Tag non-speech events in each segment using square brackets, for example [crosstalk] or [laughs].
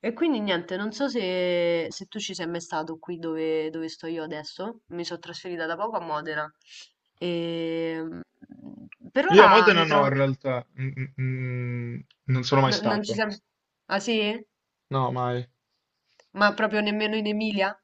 E quindi niente, non so se tu ci sei mai stato qui dove sto io adesso, mi sono trasferita da poco a Modena. E per Io a ora Modena mi no, in trovo. realtà. Non sono mai Non ci stato. siamo. Ah sì? No, mai. Ma proprio nemmeno in Emilia?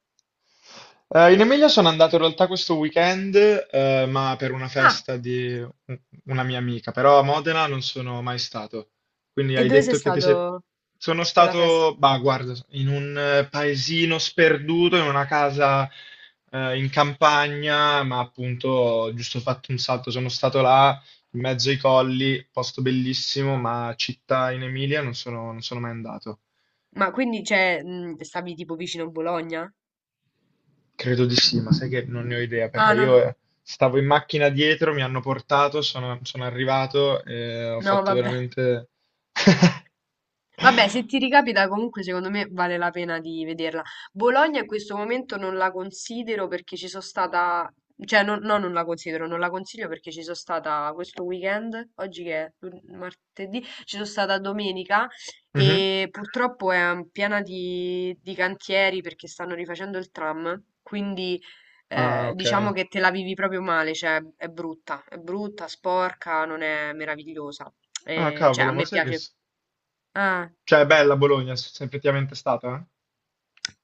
In Emilia sono andato in realtà questo weekend, ma per una Ah! festa di una mia amica, però a Modena non sono mai stato. Quindi E hai dove sei detto che ti sei... stato Sono per la festa? stato, bah, guarda, in un paesino sperduto, in una casa in campagna, ma appunto ho giusto fatto un salto. Sono stato là, in mezzo ai colli, posto bellissimo, ma città in Emilia non sono mai andato. Ma quindi, cioè, stavi tipo vicino a Bologna? Credo di sì, ma sai che non ne ho idea perché Ah, non. io stavo in macchina dietro, mi hanno portato, sono arrivato e ho No, fatto vabbè. veramente... [laughs] Vabbè, se ti ricapita, comunque secondo me vale la pena di vederla. Bologna in questo momento non la considero perché ci sono stata, cioè non, no, non la considero, non la consiglio perché ci sono stata questo weekend, oggi che è martedì, ci sono stata domenica Mhm. e purtroppo è piena di cantieri perché stanno rifacendo il tram, quindi Ah, diciamo ok. che te la vivi proprio male, cioè è brutta, sporca, non è meravigliosa. Ah, Cioè a cavolo, ma me sai che... piace. s- Ah. Cioè, è bella Bologna, se sei effettivamente stata, eh?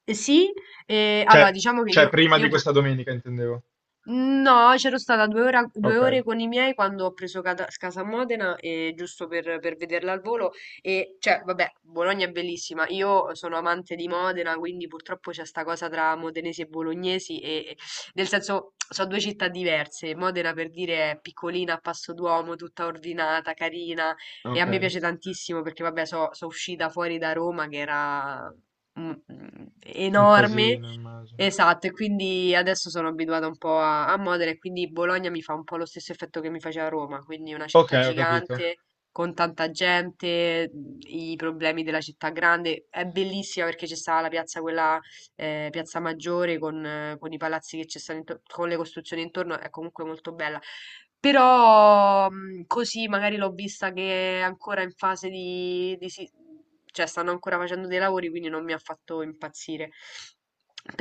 Sì, Cioè, allora diciamo che cioè, io, prima di io pu- questa domenica intendevo. no, c'ero stata due, due Ok, ore con i miei quando ho preso Casa Modena, giusto per vederla al volo. E cioè, vabbè, Bologna è bellissima. Io sono amante di Modena, quindi purtroppo c'è sta cosa tra modenesi e bolognesi, nel senso, sono due città diverse. Modena, per dire, è piccolina, a passo d'uomo, tutta ordinata, carina, e a ok. me piace tantissimo perché, vabbè, sono uscita fuori da Roma, che era Un enorme. casino, immagino. Esatto, e quindi adesso sono abituata un po' a Modena e quindi Bologna mi fa un po' lo stesso effetto che mi faceva Roma, quindi una Ok, città ho capito, gigante, con tanta gente, i problemi della città grande. È bellissima perché c'è stata la piazza, quella Piazza Maggiore con i palazzi che ci stanno intorno, con le costruzioni intorno, è comunque molto bella. Però così magari l'ho vista che è ancora in fase di cioè stanno ancora facendo dei lavori, quindi non mi ha fatto impazzire.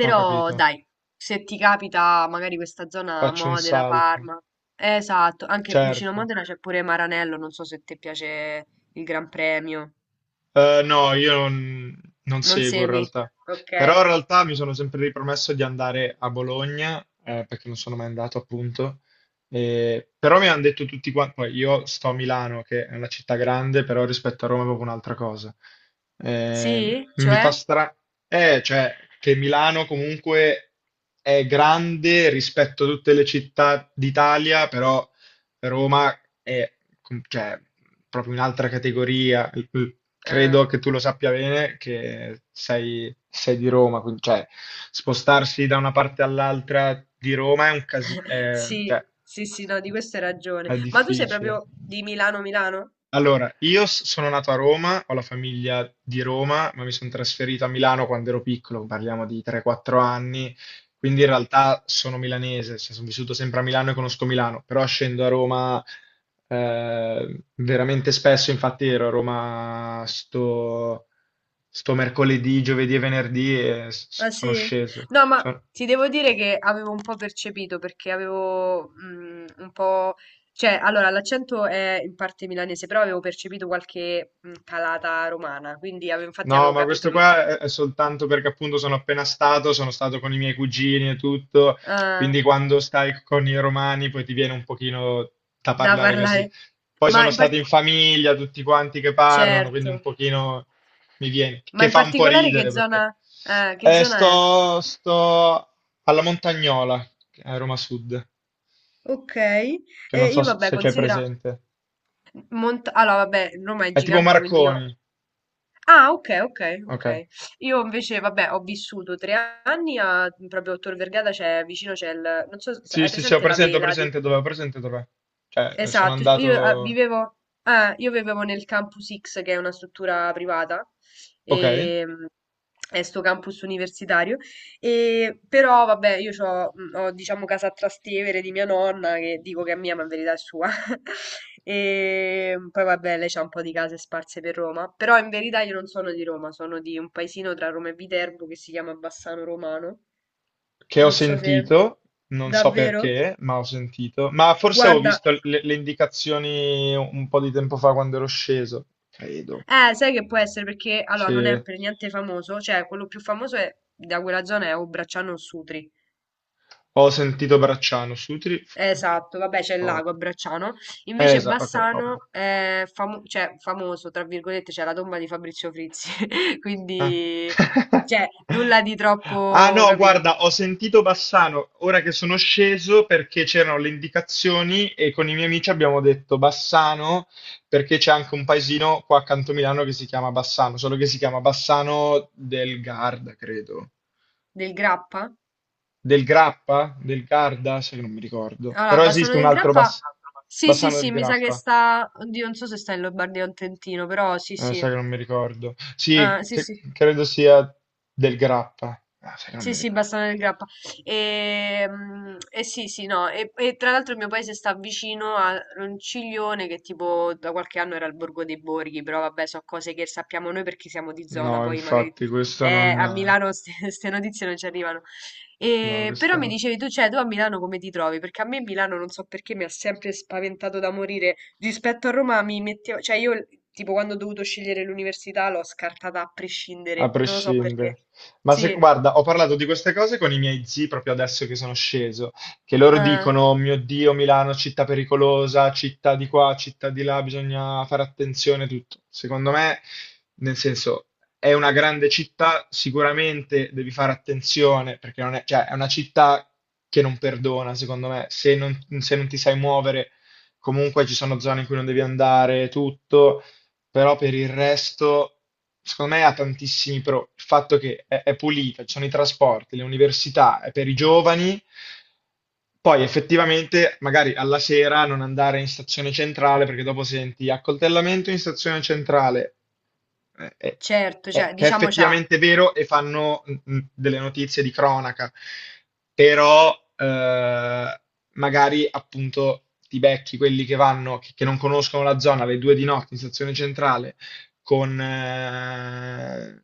ho capito. dai, se ti capita magari questa zona Faccio un Modena, salto, Parma. Esatto, anche vicino a certo. Modena c'è pure Maranello, non so se ti piace il Gran Premio. No, io non, non Non seguo in segui? realtà. Ok. Però in realtà mi sono sempre ripromesso di andare a Bologna, perché non sono mai andato appunto. Però mi hanno detto tutti quanti, poi io sto a Milano, che è una città grande, però rispetto a Roma è proprio un'altra cosa. Eh, Sì? mi fa Cioè? strano, cioè che Milano comunque è grande rispetto a tutte le città d'Italia, però Roma è cioè, proprio un'altra categoria. L- l- Ah, Credo che tu lo sappia bene che sei di Roma, quindi cioè, spostarsi da una parte all'altra di Roma è un casino, [laughs] sì, cioè, sì, sì, no, di questo hai ragione. è Ma tu sei difficile. proprio di Milano, Milano? Allora, io sono nato a Roma, ho la famiglia di Roma, ma mi sono trasferito a Milano quando ero piccolo, parliamo di 3-4 anni, quindi in realtà sono milanese, cioè sono vissuto sempre a Milano e conosco Milano, però scendo a Roma veramente spesso, infatti ero a Roma sto mercoledì, giovedì e venerdì e Ah sono sì? sceso. No, ma So- ti devo dire che avevo un po' percepito perché avevo un po'. Cioè, allora, l'accento è in parte milanese, però avevo percepito qualche calata romana, quindi infatti No, avevo ma questo capito che. qua è soltanto perché appunto sono appena stato, sono stato con i miei cugini e tutto, Ah, quindi quando stai con i romani poi ti viene un pochino da da parlare parlare. così. Poi Ma sono in stati par- in famiglia, tutti quanti che parlano, quindi Certo. un pochino mi viene, Ma che in fa un po' particolare che ridere perché zona... eh, che zona è? Sto alla Montagnola, a Roma Sud, Ok. che non E so io, vabbè, se c'è considera. presente. Allora, vabbè, Roma è È tipo gigante, quindi io. Marconi. Ah, okay, okay, Ok. okay. Io invece vabbè, ho vissuto 3 anni a proprio a Tor Vergata c'è vicino c'è il non so se Sì, hai sì, sì, presente la ho vela di. presente dov'è, ho presente dov'è. Sono Esatto, io eh, andato. vivevo, eh, io vivevo nel Campus X, che è una struttura privata, Okay. e, è sto campus universitario, e, però vabbè, io ho diciamo casa a Trastevere di mia nonna, che dico che è mia, ma in verità è sua, [laughs] e poi vabbè, lei c'ha un po' di case sparse per Roma, però in verità io non sono di Roma, sono di un paesino tra Roma e Viterbo che si chiama Bassano Romano, Che ho non so se sentito, non so davvero, perché, ma ho sentito. Ma forse ho guarda. visto le indicazioni un po' di tempo fa quando ero sceso, credo. Sai che può essere perché allora non Sì. è per niente famoso, cioè quello più famoso da quella zona è o Bracciano o Sutri. Ho sentito Bracciano, Sutri Esatto, vabbè, c'è il lago a poco. Bracciano. Invece Esatto, ok, ovvio. Bassano è famoso, tra virgolette, c'è la tomba di Fabrizio Frizzi. [laughs] Ah. Quindi, [laughs] cioè, nulla di Ah, troppo, no, capito? guarda, ho sentito Bassano ora che sono sceso perché c'erano le indicazioni e con i miei amici abbiamo detto Bassano perché c'è anche un paesino qua accanto a Milano che si chiama Bassano, solo che si chiama Bassano del Garda, credo. Del Grappa? Del Grappa? Del Garda? Sai che non mi ricordo. Allora, Però Bassano esiste un del altro Grappa. Bass- Sì, sì, Bassano del sì, mi sa che Grappa. sta. Oddio, non so se sta in Lombardia o in Trentino, però sì, sì. Sai che non mi ricordo. Sì, Ah, sì, che- sì. credo sia del Grappa. Ah, sai che non Sì, mi sì, ricordo. Bassano del Grappa. E, sì, sì, no. E tra l'altro il mio paese sta vicino a Ronciglione, che tipo da qualche anno era il Borgo dei Borghi, però vabbè, so cose che sappiamo noi perché siamo di zona, No, poi magari infatti, questo non... a Milano queste [laughs] notizie non ci arrivano. no, E, però questo mi no. dicevi tu, cioè, tu a Milano come ti trovi? Perché a me Milano non so perché mi ha sempre spaventato da morire. Rispetto a Roma mi mettevo, cioè io tipo quando ho dovuto scegliere l'università l'ho scartata a A prescindere, non lo so prescindere. perché. Ma se, Sì. guarda, ho parlato di queste cose con i miei zii proprio adesso che sono sceso, che loro Eh, dicono: "Oh mio Dio, Milano, città pericolosa, città di qua, città di là, bisogna fare attenzione a tutto. Secondo me, nel senso, è una grande città, sicuramente devi fare attenzione, perché non è, cioè, è una città che non perdona, secondo me. Se non, se non ti sai muovere, comunque ci sono zone in cui non devi andare, tutto, però per il resto, secondo me ha tantissimi pro. Il fatto che è pulita, ci sono i trasporti, le università, è per i giovani. Poi effettivamente, magari alla sera non andare in stazione centrale perché dopo senti accoltellamento in stazione centrale eh, eh, eh, certo, cioè, che è diciamo c'ha, effettivamente vero e fanno delle notizie di cronaca, però eh, magari appunto ti becchi quelli che vanno, che non conoscono la zona alle due di notte in stazione centrale, con...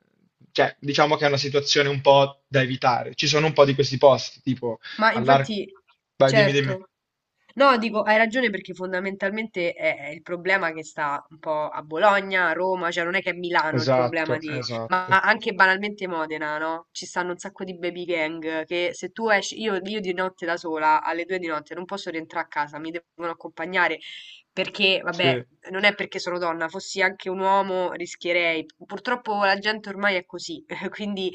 cioè, diciamo che è una situazione un po' da evitare. Ci sono un po' di questi posti, tipo ma all'arco... infatti, Vai, dimmi, dimmi. certo. No, dico, hai ragione perché fondamentalmente è il problema che sta un po' a Bologna, a Roma, cioè non è che è Milano il Esatto, problema di. Ma esatto. anche banalmente Modena, no? Ci stanno un sacco di baby gang che se tu esci, io di notte da sola, alle due di notte, non posso rientrare a casa, mi devono accompagnare perché, vabbè, Sì, non è perché sono donna, fossi anche un uomo rischierei. Purtroppo la gente ormai è così, [laughs] quindi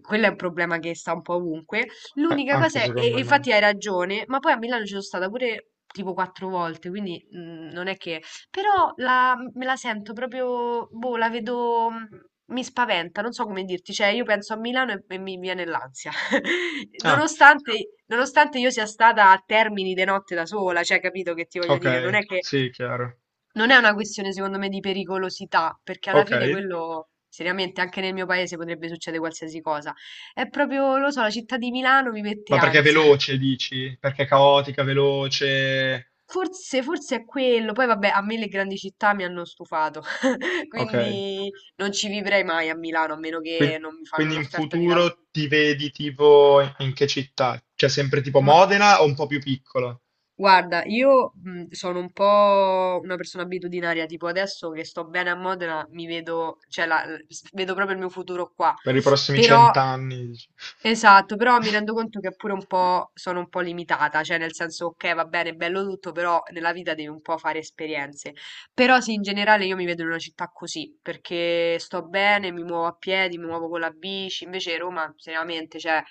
quello è un problema che sta un po' ovunque. a- L'unica anche cosa è, e secondo me. infatti hai ragione, ma poi a Milano ci sono stata pure tipo quattro volte, quindi non è che. Però me la sento proprio, boh, la vedo, mi spaventa, non so come dirti, cioè io penso a Milano e mi viene l'ansia, [laughs] Ah. nonostante io sia stata a Termini di notte da sola, cioè capito che ti voglio Ok, dire, non è che sì, chiaro. non è una questione, secondo me, di pericolosità, perché alla Ok, fine quello, seriamente, anche nel mio paese potrebbe succedere qualsiasi cosa. È proprio, lo so, la città di Milano mi mette ma perché è ansia. veloce, dici? Perché è caotica, veloce. Forse, forse è quello. Poi, vabbè, a me le grandi città mi hanno stufato, [laughs] Ok, quindi non ci vivrei mai a Milano, a meno che Quin- non mi fanno quindi in un'offerta di lavoro. futuro ti vedi tipo in che città? Cioè sempre tipo Ma Modena o un po' più piccola? guarda, io sono un po' una persona abitudinaria, tipo adesso che sto bene a Modena, mi vedo, cioè, vedo proprio il mio futuro qua. Per i prossimi Però cent'anni, dici? Esatto, però mi rendo [laughs] conto che pure un po' sono un po' limitata, cioè nel senso, ok, va bene, è bello tutto, però nella vita devi un po' fare esperienze. Però sì, in generale io mi vedo in una città così, perché sto bene, mi muovo a piedi, mi muovo con la bici, invece Roma, seriamente, cioè,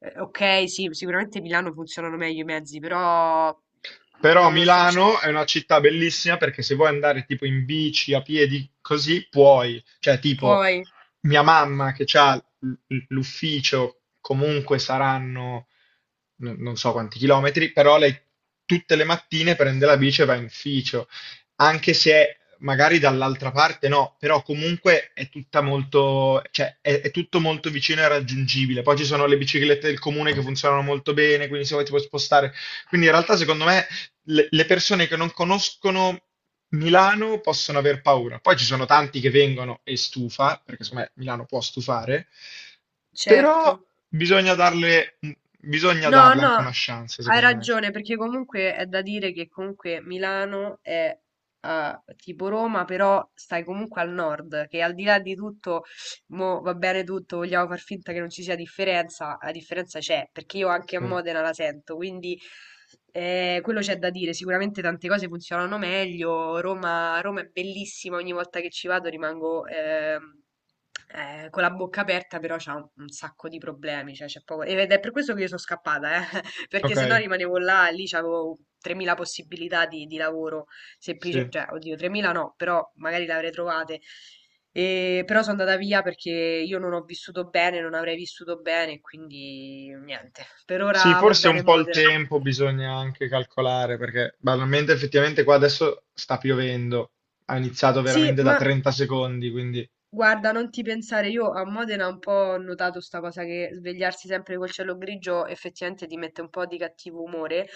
ok, sì, sicuramente Milano funzionano meglio i mezzi, però Però non lo so, cioè, Milano è una città bellissima perché se vuoi andare tipo in bici, a piedi, così puoi. Cioè, tipo, puoi, mia mamma che ha l'ufficio, comunque saranno non so quanti chilometri, però lei tutte le mattine prende la bici e va in ufficio, anche se magari dall'altra parte no, però comunque è tutta molto, cioè è tutto molto vicino e raggiungibile. Poi ci sono le biciclette del comune che funzionano molto bene, quindi se vuoi ti puoi spostare. Quindi in realtà secondo me le persone che non conoscono Milano possono aver paura. Poi ci sono tanti che vengono e stufa, perché secondo me Milano può stufare, però certo. bisogna darle, bisogna No, darle no, anche una chance, hai secondo me. ragione, perché comunque è da dire che comunque Milano è tipo Roma, però stai comunque al nord, che al di là di tutto mo va bene tutto, vogliamo far finta che non ci sia differenza, la differenza c'è, perché io anche a Sì. Modena la sento, quindi quello c'è da dire, sicuramente tante cose funzionano meglio, Roma, Roma è bellissima, ogni volta che ci vado rimango con la bocca aperta, però c'ha un sacco di problemi, cioè c'è poco, ed è per questo che io sono scappata, [laughs] perché Ok, se no rimanevo là, lì c'avevo 3.000 possibilità di lavoro semplice, sì. cioè oddio 3.000 no, però magari le avrei trovate. Però sono andata via perché io non ho vissuto bene, non avrei vissuto bene, quindi niente. Per Sì, ora va forse un bene po' il Modena. tempo bisogna anche calcolare, perché banalmente effettivamente qua adesso sta piovendo, ha iniziato Sì, veramente da ma 30 secondi, quindi guarda, non ti pensare, io a Modena un po' ho notato sta cosa che svegliarsi sempre col cielo grigio effettivamente ti mette un po' di cattivo umore,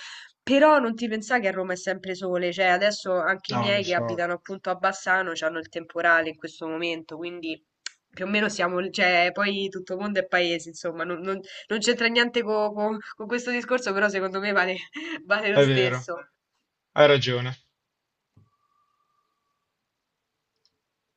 però non ti pensare che a Roma è sempre sole, cioè adesso anche i no, lo miei che so, abitano appunto a Bassano hanno il temporale in questo momento, quindi più o meno siamo, cioè poi tutto mondo è paese, insomma, non c'entra niente con questo discorso, però secondo me vale, [laughs] vale lo è vero, stesso. hai ragione.